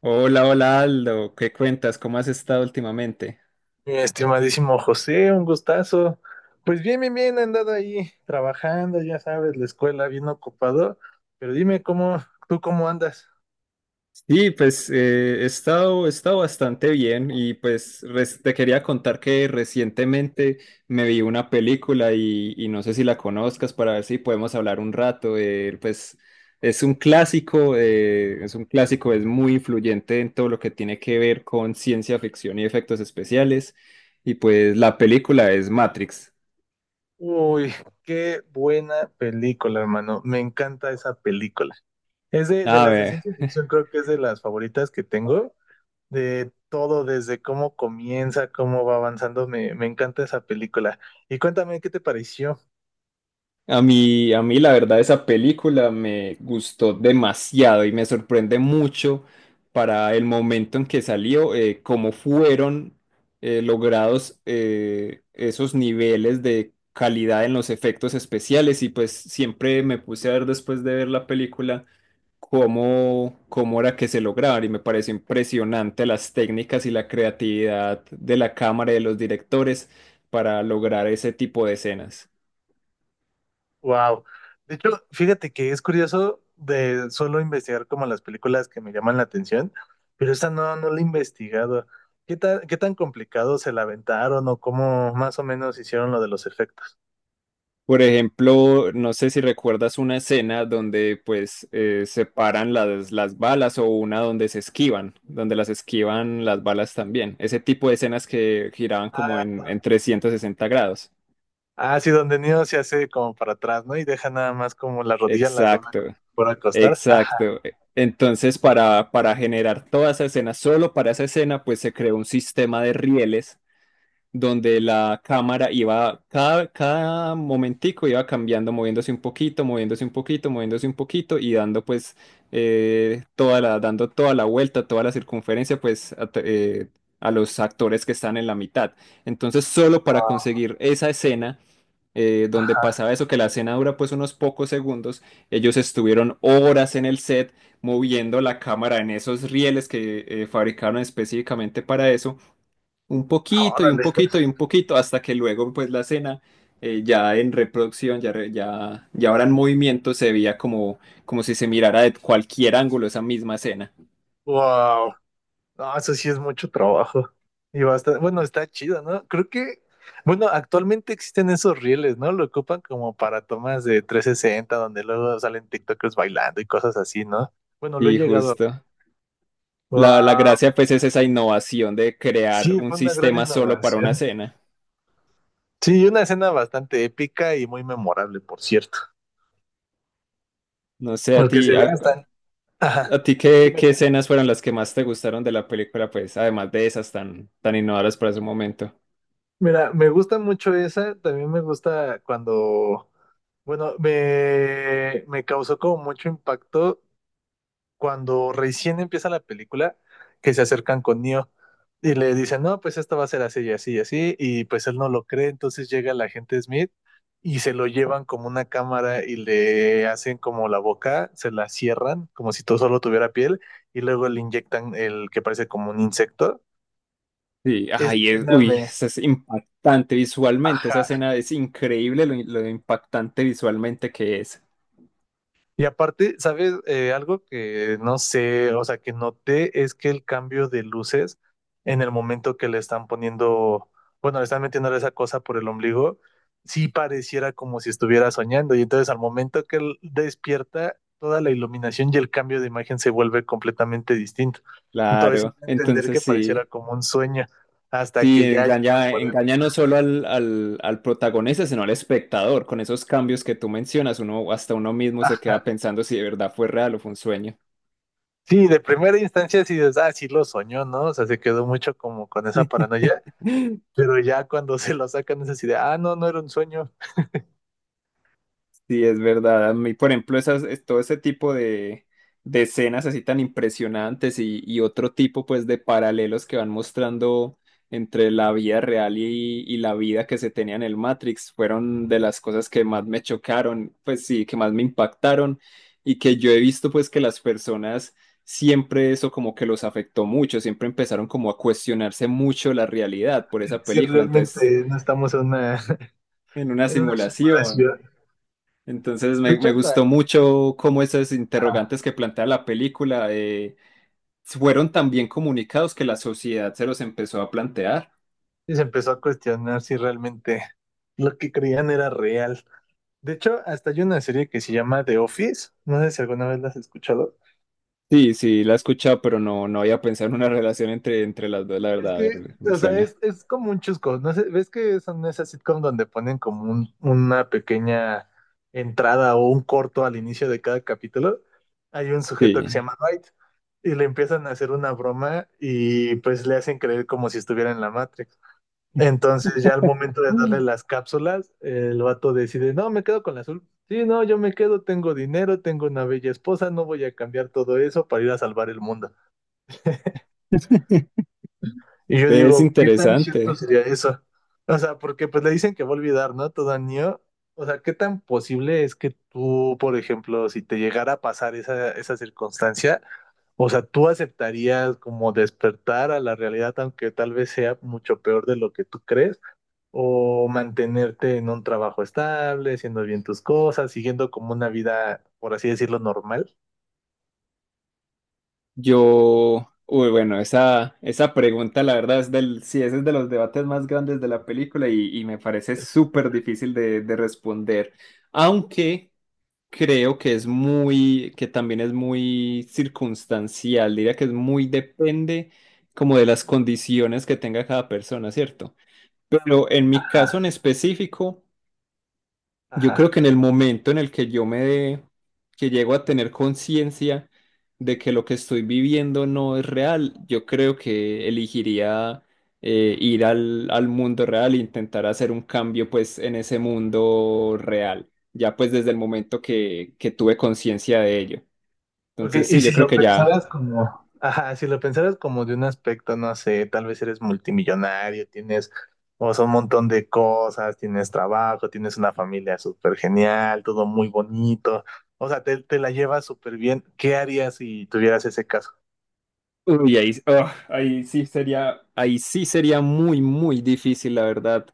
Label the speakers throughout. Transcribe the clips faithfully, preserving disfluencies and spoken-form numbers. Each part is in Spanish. Speaker 1: Hola, hola Aldo, ¿qué cuentas? ¿Cómo has estado últimamente?
Speaker 2: Mi estimadísimo José, un gustazo. Pues bien, bien, bien, he andado ahí trabajando, ya sabes, la escuela bien ocupado, pero dime cómo, tú cómo andas.
Speaker 1: Sí, pues eh, he estado, he estado bastante bien y pues res- te quería contar que recientemente me vi una película y, y no sé si la conozcas para ver si podemos hablar un rato. Eh, pues es un clásico, eh, es un clásico, es muy influyente en todo lo que tiene que ver con ciencia ficción y efectos especiales y pues la película es Matrix.
Speaker 2: Uy, qué buena película, hermano. Me encanta esa película. Es de, de
Speaker 1: A
Speaker 2: las de
Speaker 1: ver.
Speaker 2: ciencia ficción, creo que es de las favoritas que tengo, de todo, desde cómo comienza, cómo va avanzando, me, me encanta esa película. Y cuéntame, ¿qué te pareció?
Speaker 1: A mí, a mí la verdad esa película me gustó demasiado y me sorprende mucho para el momento en que salió, eh, cómo fueron eh, logrados eh, esos niveles de calidad en los efectos especiales y pues siempre me puse a ver después de ver la película cómo, cómo era que se lograban y me pareció impresionante las técnicas y la creatividad de la cámara y de los directores para lograr ese tipo de escenas.
Speaker 2: Wow. De hecho, fíjate que es curioso de solo investigar como las películas que me llaman la atención, pero esta no, no la he investigado. ¿Qué tan, qué tan complicado se la aventaron o cómo más o menos hicieron lo de los efectos?
Speaker 1: Por ejemplo, no sé si recuerdas una escena donde pues eh, separan las, las balas o una donde se esquivan, donde las esquivan las balas también. Ese tipo de escenas que giraban como
Speaker 2: Ah,
Speaker 1: en, en trescientos sesenta grados.
Speaker 2: ah, sí, donde Neo se hace como para atrás, ¿no? Y deja nada más como las rodillas las dobla
Speaker 1: Exacto,
Speaker 2: como si acostar. Ajá.
Speaker 1: exacto. E, Entonces, para, para generar toda esa escena, solo para esa escena, pues se creó un sistema de rieles donde la cámara iba, cada, cada momentico iba cambiando, moviéndose un poquito, moviéndose un poquito, moviéndose un poquito y dando pues eh, toda la, dando toda la vuelta, toda la circunferencia pues a, t- eh, a los actores que están en la mitad. Entonces solo para
Speaker 2: Wow.
Speaker 1: conseguir esa escena eh, donde
Speaker 2: Ajá.
Speaker 1: pasaba eso, que la escena dura pues unos pocos segundos, ellos estuvieron horas en el set moviendo la cámara en esos rieles que eh, fabricaron específicamente para eso un poquito y un
Speaker 2: Órale.
Speaker 1: poquito y un poquito hasta que luego pues la escena eh, ya en reproducción, ya, re- ya, ya ahora en movimiento se veía como, como si se mirara de cualquier ángulo esa misma escena.
Speaker 2: Wow. No, eso sí es mucho trabajo. Y bastante, bueno, está chido, ¿no? Creo que, bueno, actualmente existen esos rieles, ¿no? Lo ocupan como para tomas de trescientos sesenta donde luego salen TikTokers bailando y cosas así, ¿no? Bueno, lo he
Speaker 1: Y
Speaker 2: llegado a...
Speaker 1: justo. La, la
Speaker 2: Wow.
Speaker 1: gracia pues es esa innovación de crear
Speaker 2: Sí,
Speaker 1: un
Speaker 2: fue una gran
Speaker 1: sistema solo para una
Speaker 2: innovación.
Speaker 1: escena.
Speaker 2: Sí, una escena bastante épica y muy memorable, por cierto.
Speaker 1: No sé, a ti,
Speaker 2: Porque se
Speaker 1: a,
Speaker 2: ve hasta...
Speaker 1: a
Speaker 2: Ajá.
Speaker 1: ti qué,
Speaker 2: Dime,
Speaker 1: qué
Speaker 2: dime.
Speaker 1: escenas fueron las que más te gustaron de la película, pues, además de esas tan, tan innovadoras para su momento.
Speaker 2: Mira, me gusta mucho esa, también me gusta cuando... Bueno, me, me causó como mucho impacto cuando recién empieza la película, que se acercan con Neo y le dicen, no, pues esto va a ser así y así y así, y pues él no lo cree, entonces llega el agente Smith y se lo llevan como una cámara y le hacen como la boca, se la cierran como si todo solo tuviera piel y luego le inyectan el que parece como un insecto.
Speaker 1: Sí,
Speaker 2: Esa
Speaker 1: ay, es,
Speaker 2: escena
Speaker 1: uy,
Speaker 2: me,
Speaker 1: eso es impactante visualmente, esa
Speaker 2: ja.
Speaker 1: escena es increíble lo, lo impactante visualmente que es.
Speaker 2: Y aparte, ¿sabes? Eh, algo que no sé, o sea, que noté es que el cambio de luces en el momento que le están poniendo, bueno, le están metiendo esa cosa por el ombligo, sí pareciera como si estuviera soñando. Y entonces al momento que él despierta, toda la iluminación y el cambio de imagen se vuelve completamente distinto. Entonces, sí
Speaker 1: Claro,
Speaker 2: puedo entender
Speaker 1: entonces
Speaker 2: que
Speaker 1: sí,
Speaker 2: pareciera como un sueño hasta
Speaker 1: sí,
Speaker 2: que ya llegaron
Speaker 1: engaña,
Speaker 2: por él.
Speaker 1: engaña no solo al, al, al protagonista, sino al espectador, con esos cambios que tú mencionas, uno hasta uno mismo se queda
Speaker 2: Ah,
Speaker 1: pensando si de verdad fue real o fue un sueño.
Speaker 2: sí, de primera instancia sí dices, ah, sí lo soñó, ¿no? O sea, se quedó mucho como con esa paranoia. Pero ya cuando se lo sacan es así de, ah, no, no era un sueño.
Speaker 1: Sí, es verdad. A mí, por ejemplo, esas, es- todo ese tipo de, de escenas así tan impresionantes y, y otro tipo pues de paralelos que van mostrando entre la vida real y, y la vida que se tenía en el Matrix fueron de las cosas que más me chocaron, pues sí, que más me impactaron y que yo he visto pues que las personas siempre eso como que los afectó mucho, siempre empezaron como a cuestionarse mucho la realidad por esa
Speaker 2: Si
Speaker 1: película. Entonces,
Speaker 2: realmente no estamos en una,
Speaker 1: en una
Speaker 2: en una
Speaker 1: simulación.
Speaker 2: simulación.
Speaker 1: Entonces
Speaker 2: De
Speaker 1: me,
Speaker 2: hecho,
Speaker 1: me gustó
Speaker 2: hasta
Speaker 1: mucho cómo esos
Speaker 2: ah,
Speaker 1: interrogantes que plantea la película eh, fueron tan bien comunicados que la sociedad se los empezó a plantear.
Speaker 2: sí se empezó a cuestionar si realmente lo que creían era real. De hecho, hasta hay una serie que se llama The Office. No sé si alguna vez la has escuchado.
Speaker 1: Sí, sí, la he escuchado, pero no, no había pensado en una relación entre, entre las dos, la
Speaker 2: Es
Speaker 1: verdad, a
Speaker 2: que,
Speaker 1: ver, me
Speaker 2: o sea,
Speaker 1: suena.
Speaker 2: es, es como un chusco, ¿no? sé, ¿Ves que son esas sitcom donde ponen como un- una pequeña entrada o un corto al inicio de cada capítulo? Hay un sujeto que se
Speaker 1: Sí.
Speaker 2: llama Dwight y le empiezan a hacer una broma y pues le hacen creer como si estuviera en la Matrix. Entonces ya al momento de darle
Speaker 1: Mm.
Speaker 2: las cápsulas, el vato decide, no, me quedo con la azul. Sí, no, yo me quedo, tengo dinero, tengo una bella esposa, no voy a cambiar todo eso para ir a salvar el mundo. Y yo
Speaker 1: Es
Speaker 2: digo, ¿qué tan cierto
Speaker 1: interesante.
Speaker 2: sería eso? O sea, porque pues le dicen que va a olvidar, ¿no? Todo niño. O sea, ¿qué tan posible es que tú, por ejemplo, si te llegara a pasar esa, esa circunstancia, o sea, tú aceptarías como despertar a la realidad, aunque tal vez sea mucho peor de lo que tú crees, o mantenerte en un trabajo estable, haciendo bien tus cosas, siguiendo como una vida, por así decirlo, normal?
Speaker 1: Yo, uy, bueno, esa, esa pregunta, la verdad, es del, sí, ese es de los debates más grandes de la película y, y me parece súper difícil de, de responder. Aunque... Creo que es muy, que también es muy circunstancial, diría que es muy depende como de las condiciones que tenga cada persona, ¿cierto? Pero en mi
Speaker 2: Ajá.
Speaker 1: caso en específico, yo creo
Speaker 2: Ajá.
Speaker 1: que en el momento en el que yo me dé, que llego a tener conciencia de que lo que estoy viviendo no es real, yo creo que elegiría eh, ir al, al mundo real e intentar hacer un cambio pues en ese mundo real, ya pues desde el momento que, que tuve conciencia de ello.
Speaker 2: Ok,
Speaker 1: Entonces
Speaker 2: y
Speaker 1: sí, yo
Speaker 2: si
Speaker 1: creo
Speaker 2: lo
Speaker 1: que ya,
Speaker 2: pensaras como, ajá, si lo pensaras como de un aspecto, no sé, tal vez eres multimillonario, tienes, o sea, un montón de cosas, tienes trabajo, tienes una familia súper genial, todo muy bonito, o sea, te, te la llevas súper bien. ¿Qué harías si tuvieras ese caso?
Speaker 1: uy, ahí, oh, ahí sí sería, ahí sí sería muy, muy difícil, la verdad.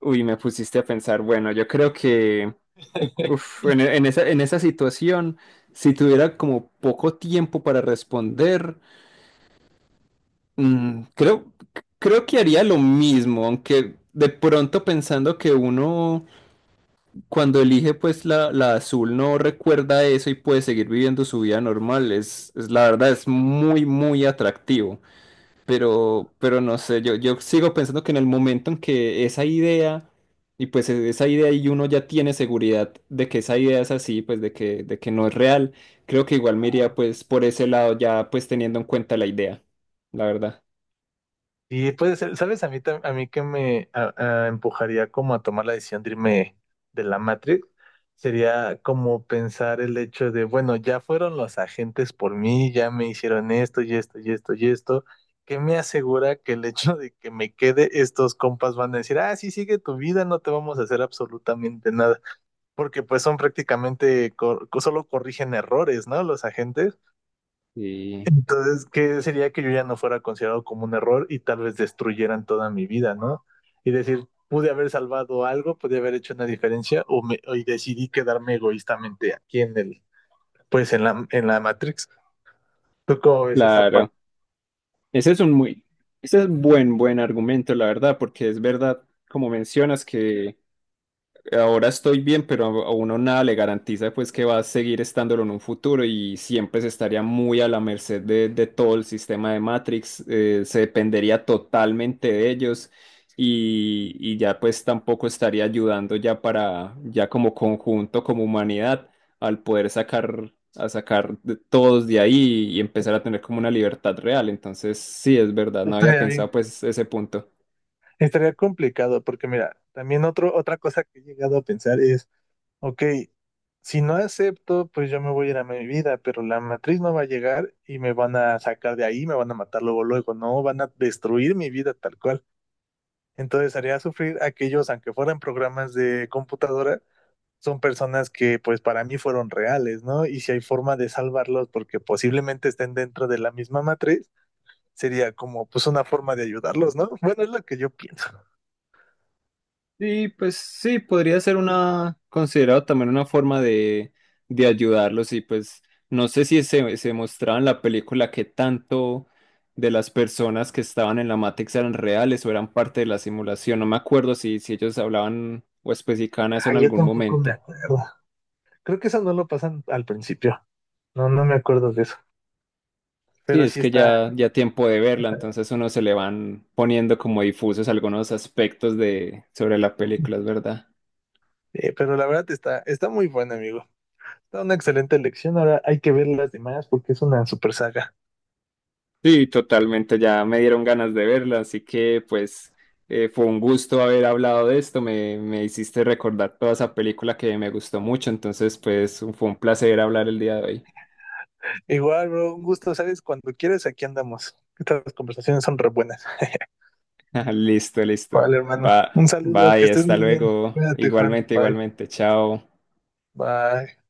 Speaker 1: Uy, me pusiste a pensar, bueno, yo creo que... Uf, en, e- en esa, en esa situación, si tuviera como poco tiempo para responder, mm, creo, creo que haría lo mismo, aunque de pronto pensando que uno cuando elige pues la, la azul no recuerda eso y puede seguir viviendo su vida normal, es, es la verdad, es muy, muy atractivo. Pero, pero no sé, yo, yo sigo pensando que en el momento en que esa idea, y pues e- esa idea y uno ya tiene seguridad de que esa idea es así, pues de que, de que no es real, creo que igual me iría pues por ese lado ya pues teniendo en cuenta la idea, la verdad.
Speaker 2: Y puede ser, ¿sabes? A mí, tam- a mí que me a- a empujaría como a tomar la decisión de irme de la Matrix sería como pensar el hecho de, bueno, ya fueron los agentes por mí, ya me hicieron esto y esto y esto y esto. ¿Qué me asegura que el hecho de que me quede, estos compas van a decir, ah, sí, sigue tu vida, no te vamos a hacer absolutamente nada? Porque pues son prácticamente, cor- solo corrigen errores, ¿no? Los agentes.
Speaker 1: Sí,
Speaker 2: Entonces, qué sería que yo ya no fuera considerado como un error y tal vez destruyeran toda mi vida, ¿no? Y decir, pude haber salvado algo, pude haber hecho una diferencia o me, y decidí quedarme egoístamente aquí en el, pues en la, en la Matrix. ¿Tú cómo ves esa parte?
Speaker 1: claro. Ese es un muy, ese es buen, buen argumento, la verdad, porque es verdad, como mencionas, que ahora estoy bien, pero a a uno nada le garantiza pues que va a seguir estándolo en un futuro y siempre se estaría muy a la merced de, de todo el sistema de Matrix, eh, se dependería totalmente de ellos y, y ya pues tampoco estaría ayudando ya para, ya como conjunto, como humanidad, al poder sacar, a sacar de todos de ahí y empezar a tener como una libertad real. Entonces, sí, es verdad, no había
Speaker 2: Estaría
Speaker 1: pensado
Speaker 2: bien,
Speaker 1: pues ese punto.
Speaker 2: estaría complicado porque mira, también otro, otra cosa que he llegado a pensar es, ok, si no acepto, pues yo me voy a ir a mi vida, pero la matriz no va a llegar y me van a sacar de ahí, me van a matar luego, luego, no, van a destruir mi vida tal cual. Entonces haría sufrir a aquellos, aunque fueran programas de computadora, son personas que pues para mí fueron reales, ¿no? Y si hay forma de salvarlos porque posiblemente estén dentro de la misma matriz, sería como pues una forma de ayudarlos, ¿no? Bueno, es lo que yo pienso.
Speaker 1: Sí, pues sí, podría ser una, considerado también una forma de, de ayudarlos y pues no sé si se, se mostraba en la película que tanto de las personas que estaban en la Matrix eran reales o eran parte de la simulación, no me acuerdo si, si ellos hablaban o especificaban eso
Speaker 2: Ah,
Speaker 1: en
Speaker 2: yo
Speaker 1: algún
Speaker 2: tampoco me
Speaker 1: momento.
Speaker 2: acuerdo. Creo que eso no lo pasan al principio. No, no me acuerdo de eso.
Speaker 1: Sí,
Speaker 2: Pero
Speaker 1: es
Speaker 2: sí
Speaker 1: que
Speaker 2: está,
Speaker 1: ya, ya tiempo de verla, entonces uno se le van poniendo como difusos algunos aspectos de, sobre la película, es verdad.
Speaker 2: eh, pero la verdad está, está muy buena, amigo. Está una excelente elección. Ahora hay que ver las demás porque es una super saga.
Speaker 1: Sí, totalmente, ya me dieron ganas de verla, así que pues eh, fue un gusto haber hablado de esto, me, me hiciste recordar toda esa película que me gustó mucho, entonces pues fue un placer hablar el día de hoy.
Speaker 2: Igual, bro, un gusto, ¿sabes? Cuando quieres, aquí andamos. Estas conversaciones son re buenas.
Speaker 1: Listo, listo.
Speaker 2: Vale, hermano. Un
Speaker 1: Va,
Speaker 2: saludo, que
Speaker 1: bye,
Speaker 2: estés
Speaker 1: hasta
Speaker 2: muy bien.
Speaker 1: luego.
Speaker 2: Cuídate, Juan.
Speaker 1: Igualmente,
Speaker 2: Bye.
Speaker 1: igualmente, chao.
Speaker 2: Bye.